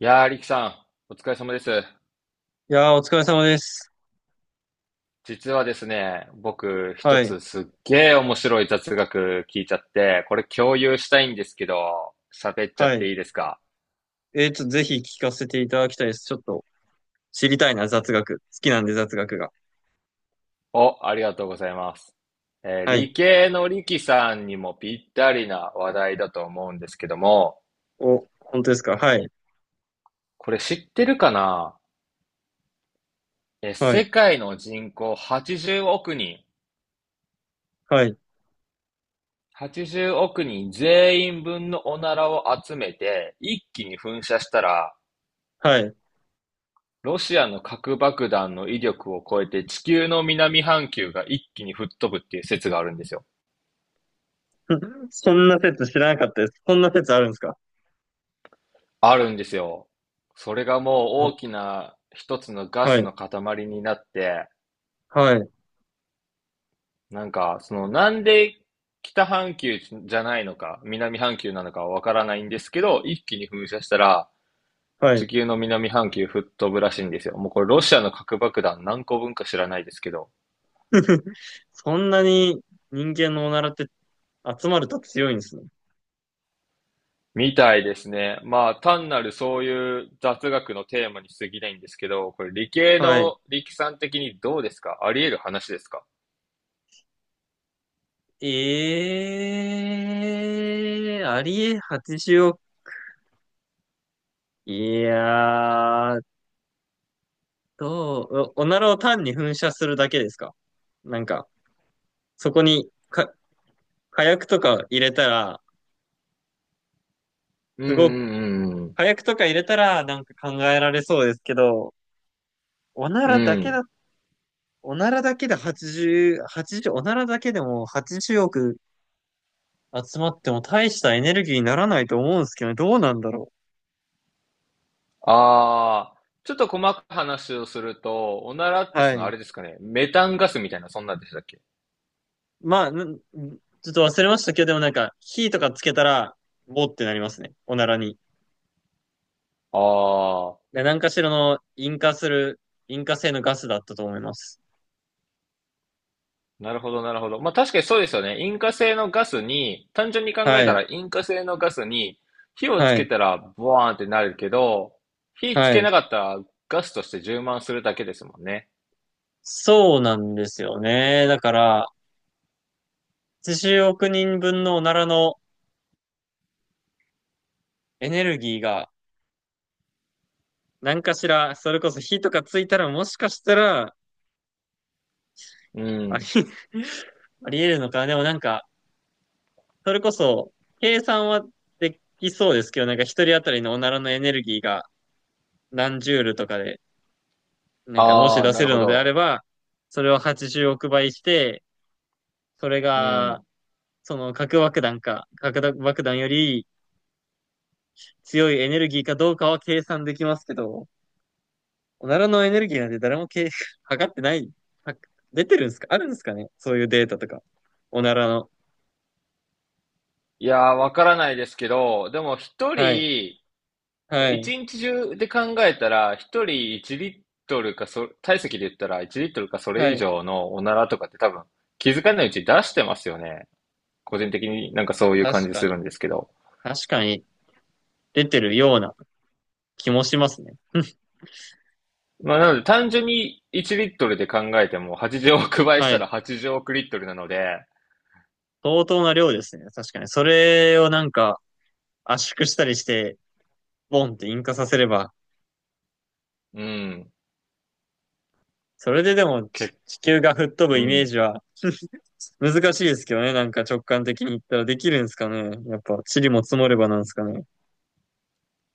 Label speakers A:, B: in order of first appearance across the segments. A: いやー、リキさん、お疲れ様です。
B: いやー、お疲れ様です。
A: 実はですね、僕、一
B: はい。
A: つすっげー面白い雑学聞いちゃって、これ共有したいんですけど、喋っちゃっ
B: は
A: て
B: い。
A: いいですか？
B: ちょっとぜひ聞かせていただきたいです。ちょっと知りたいな、雑学。好きなんで、雑学が。
A: お、ありがとうございます。
B: はい。
A: 理系のリキさんにもぴったりな話題だと思うんですけども、
B: お、本当ですか？はい。
A: これ知ってるかな？
B: は
A: 世
B: い。
A: 界の人口80億人、
B: はい。
A: 80億人全員分のおならを集めて、一気に噴射したら、
B: はい。
A: ロシアの核爆弾の威力を超えて地球の南半球が一気に吹っ飛ぶっていう説があるんですよ。
B: そんな説知らなかったです。そんな説あるんですか？
A: あるんですよ。それがもう
B: お、
A: 大きな一つのガ
B: は
A: ス
B: い。
A: の塊になって、
B: はい。
A: なんか、そのなんで北半球じゃないのか、南半球なのかはわからないんですけど、一気に噴射したら
B: は
A: 地
B: い。
A: 球の南半球吹っ飛ぶらしいんですよ。もうこれロシアの核爆弾何個分か知らないですけど、
B: そんなに人間のおならって集まると強いんですね。
A: みたいですね。まあ、単なるそういう雑学のテーマに過ぎないんですけど、これ理系
B: はい。
A: の力さん的にどうですか？あり得る話ですか？
B: ええー、ありえ八0億。いやー、どう、おおならを単に噴射するだけですか？なんか、そこに、火薬とか入れたら、
A: う
B: すごく、
A: ん、うん、
B: 火薬とか入れたらなんか考えられそうですけど、おな
A: うん、
B: らだ
A: うん。う
B: けだ、
A: ん。
B: おならだけでも80億集まっても大したエネルギーにならないと思うんですけどね、どうなんだろ
A: ああ、ちょっと細かく話をすると、おならっ
B: う。
A: て
B: は
A: そのあ
B: い。
A: れですかね。メタンガスみたいな、そんなんでしたっけ？
B: まあ、ちょっと忘れましたけど、でもなんか、火とかつけたら、ボーってなりますね。おならに。
A: ああ、
B: で何かしらの引火性のガスだったと思います。
A: なるほど、なるほど。まあ確かにそうですよね。引火性のガスに、単純に考
B: は
A: えた
B: い、
A: ら引火性のガスに火をつ
B: は
A: け
B: い、
A: たらボワーンってなるけど、火つ
B: は
A: けな
B: い。
A: かったらガスとして充満するだけですもんね。
B: そうなんですよね。だから、80億人分のおならのエネルギーが、何かしら、それこそ火とかついたらもしかしたら、
A: う
B: あり、
A: ん。
B: あり得るのかな。でもなんか、それこそ、計算はできそうですけど、なんか一人当たりのおならのエネルギーが何ジュールとかで、なんかもし
A: ああ、
B: 出
A: な
B: せ
A: る
B: る
A: ほ
B: のであれ
A: ど。
B: ば、それを80億倍して、それ
A: う
B: が
A: ん。
B: その核爆弾より強いエネルギーかどうかは計算できますけど、おならのエネルギーなんて誰も測ってない。は出てるんですか？あるんですかね、そういうデータとか。おならの。
A: いやー、わからないですけど、でも一
B: はい。
A: 人、そ
B: は
A: う
B: い。
A: 一日中で考えたら、一人1リットルか、体積で言ったら1リットルかそ
B: は
A: れ以
B: い。
A: 上のおならとかって多分気づかないうちに出してますよね。個人的になんかそういう感
B: 確
A: じ
B: か
A: す
B: に。
A: るんですけど。
B: 確かに出てるような気もしますね。
A: まあなので単純に1リットルで考えても80億倍し
B: は
A: たら
B: い。
A: 80億リットルなので、
B: 相当な量ですね。確かに。それをなんか圧縮したりして、ボンって引火させれば、
A: うん、
B: それででもち
A: け、
B: 地球が吹っ飛ぶ
A: う
B: イメー
A: ん。
B: ジは難しいですけどね。なんか直感的に言ったらできるんですかね。やっぱ、塵も積もればなんですかね。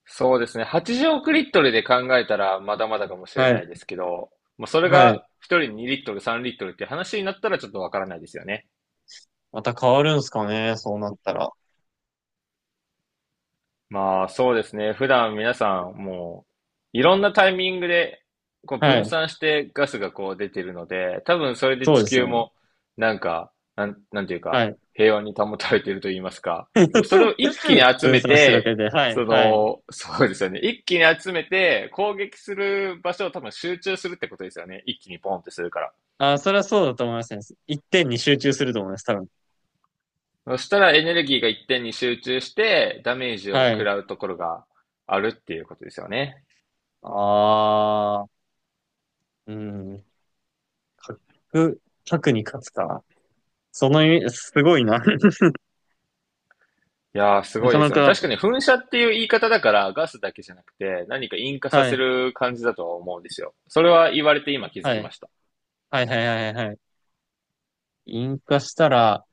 A: そうですね。80億リットルで考えたらまだまだかもしれ
B: は
A: な
B: い。
A: いですけど、もうそれ
B: はい。
A: が1人2リットル3リットルって話になったらちょっとわからないですよね。
B: また変わるんすかね、そうなったら。
A: まあ、そうですね。普段皆さん、もう、いろんなタイミングで、こう
B: は
A: 分
B: い。
A: 散してガスがこう出てるので、多分それで
B: そう
A: 地
B: です
A: 球
B: ね。
A: も、なんか、なんていう
B: は
A: か、
B: い。
A: 平和に保たれていると言いますか。でもそれを 一気に集
B: 分
A: め
B: 散してるわけ
A: て、
B: で。はい。はい。
A: そうですよね。一気に集めて、攻撃する場所を多分集中するってことですよね。一気にポンってするか
B: あ、それはそうだと思いますね。一点に集中すると思います。多分。
A: ら。そしたらエネルギーが一点に集中して、ダメージを
B: は
A: 食
B: い。
A: らうところがあるっていうことですよね。
B: ああ、うん。核、核に勝つか。その意味、すごいな。
A: いやー、す
B: な
A: ごい
B: か
A: で
B: な
A: すよね。
B: か、
A: 確かに噴射っていう言い方だから、ガスだけじゃなくて、何か引火さ
B: は
A: せ
B: い。
A: る感じだとは思うんですよ。それは言われて今気づ
B: は
A: きま
B: い。
A: した。
B: はいはいはいはい。はい。引火したら、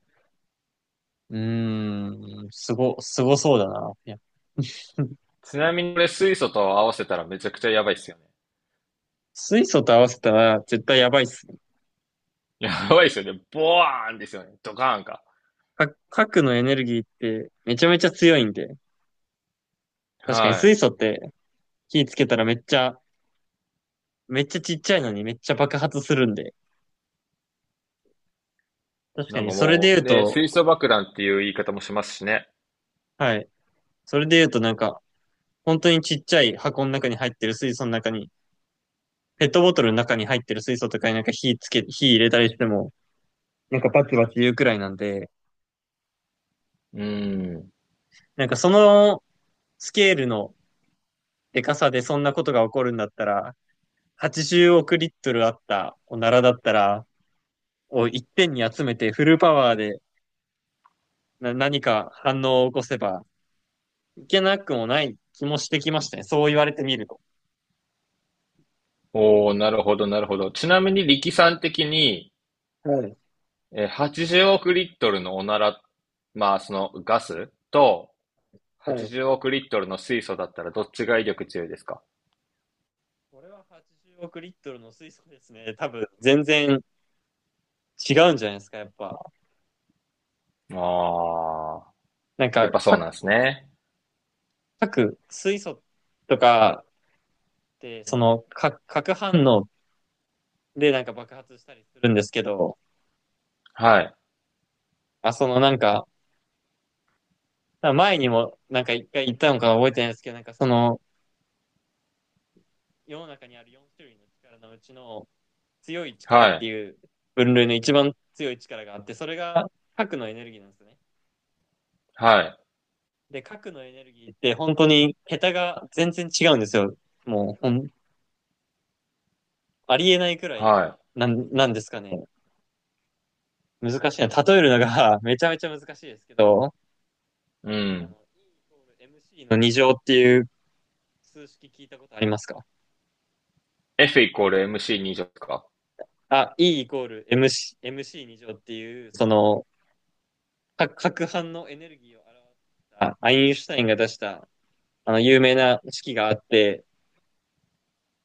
B: うーん、すごそうだな。いや、
A: ちなみにこれ水素と合わせたらめちゃくちゃやばいっすよ
B: 水素と合わせたら絶対やばいっすね。
A: ね。やばいっすよね。ボワーンですよね。ドカーンか。
B: 核のエネルギーってめちゃめちゃ強いんで、確かに
A: はい。
B: 水素って火つけたらめっちゃちっちゃいのにめっちゃ爆発するんで、確か
A: なん
B: に
A: か
B: それで
A: も
B: 言
A: う、
B: う
A: ね、
B: と、
A: 水素爆弾っていう言い方もしますしね。
B: はい、それで言うとなんか、本当にちっちゃい箱の中に入ってる水素の中に、ペットボトルの中に入ってる水素とかになんか火つけ、火入れたりしても、なんかバチバチ言うくらいなんで、
A: うーん。
B: なんかそのスケールのでかさでそんなことが起こるんだったら、80億リットルあったおならだったら、を一点に集めてフルパワーで何か反応を起こせばいけなくもない気もしてきましたね。そう言われてみると。
A: おー、なるほど、なるほど。ちなみに力さん的に、
B: はい、
A: 80億リットルのおなら、まあそのガスと、
B: はい。
A: 80億リットルの水素だったらどっちが威力強いですか？
B: これは80億リットルの水素ですね。多分全然違うんじゃないですか、やっぱ。
A: ああ、
B: なん
A: やっ
B: か、
A: ぱそうなんですね。
B: 各水素とかって、その、核反応でなんか爆発したりするんですけど、
A: はい、
B: あ、そのなんか、前にもなんか一回言ったのか覚えてないですけど、なんかその世の中にある4種類の力のうちの強い力
A: は
B: っ
A: い、
B: ていう分類の一番強い力があって、それが核のエネルギーなんですね。
A: はい、
B: で、核のエネルギーって本当に桁が全然違うんですよ。もうほん、ありえないくらい
A: は
B: なんですかね。難しいな。例えるのが めちゃめちゃ難しいですけど、
A: い、うん。
B: E イコール MC の二乗っていう数式聞いたことありますか？
A: F イコール MC 2乗ですか？
B: あ、E イコール MC、MC 二乗っていう、その、核反応のエネルギーを表したアインシュタインが出したあの有名な式があって、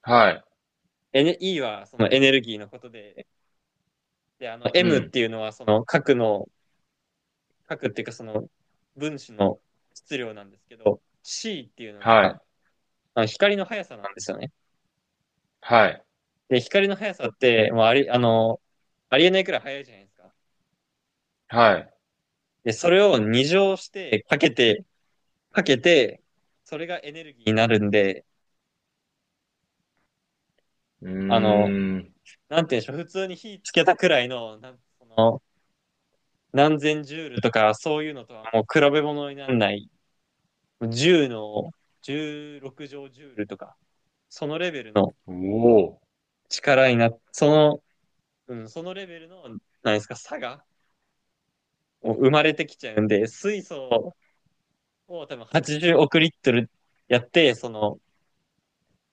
A: はい、
B: E はそのエネルギーのことで、で、あの
A: う
B: M っ
A: ん、
B: ていうのはその核っていうかその分子の質量なんですけど、C っていうの
A: は
B: が
A: い、
B: あの光の速さなんですよね。
A: はい、
B: で、光の速さってもうあり、あの、ありえないくらい速いじゃないですか。
A: はい。
B: で、それを二乗してかけて、かけて、それがエネルギーになるんで、
A: うー
B: あの、
A: ん、
B: なんていうんでしょう、普通に火つけたくらいの、その何千ジュールとか、そういうのとはもう比べ物にならない、10の16乗ジュールとか、そのレベルの
A: お
B: 力になっその、うん、そのレベルの、なんですか、差が生まれてきちゃうんで、水素を多分80億リットルやって、その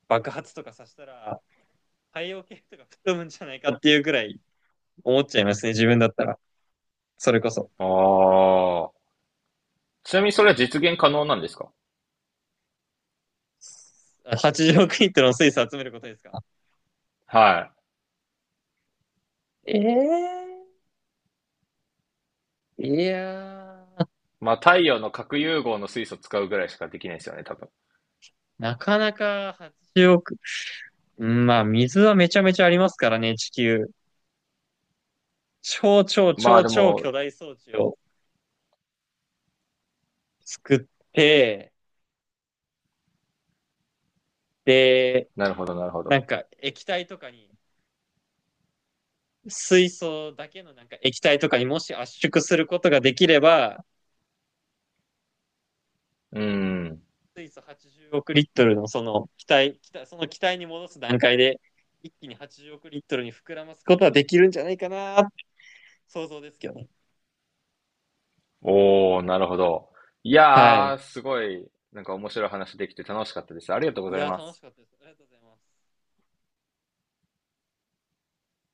B: 爆発とかさせたら、太陽系とか吹っ飛ぶんじゃないかっていうくらい思っちゃいますね、自分だったら。それこそ。
A: お、ああ。ちなみにそれは実現可能なんですか？
B: 80億イントの水素集めることですか？
A: は
B: ええーいやー、
A: い。まあ、太陽の核融合の水素使うぐらいしかできないですよね、多分。
B: なかなか80億。うん、まあ、水はめちゃめちゃありますからね、地球。超超
A: まあ、
B: 超
A: で
B: 超巨
A: も、
B: 大装置を作って、で、
A: なるほど、なるほ
B: なん
A: ど。
B: か液体とかに、水素だけのなんか液体とかにもし圧縮することができれば、
A: うん。
B: 水素80億リットルのその気体、その気体に戻す段階で、一気に80億リットルに膨らますことはできるんじゃないかなって想像ですけどね。
A: おー、なるほど。い
B: は
A: や
B: い。
A: ー、すごい、なんか面白い話できて楽しかったです。ありがとうご
B: い
A: ざい
B: や、
A: ま
B: 楽し
A: す。
B: かったです。ありがとうございます。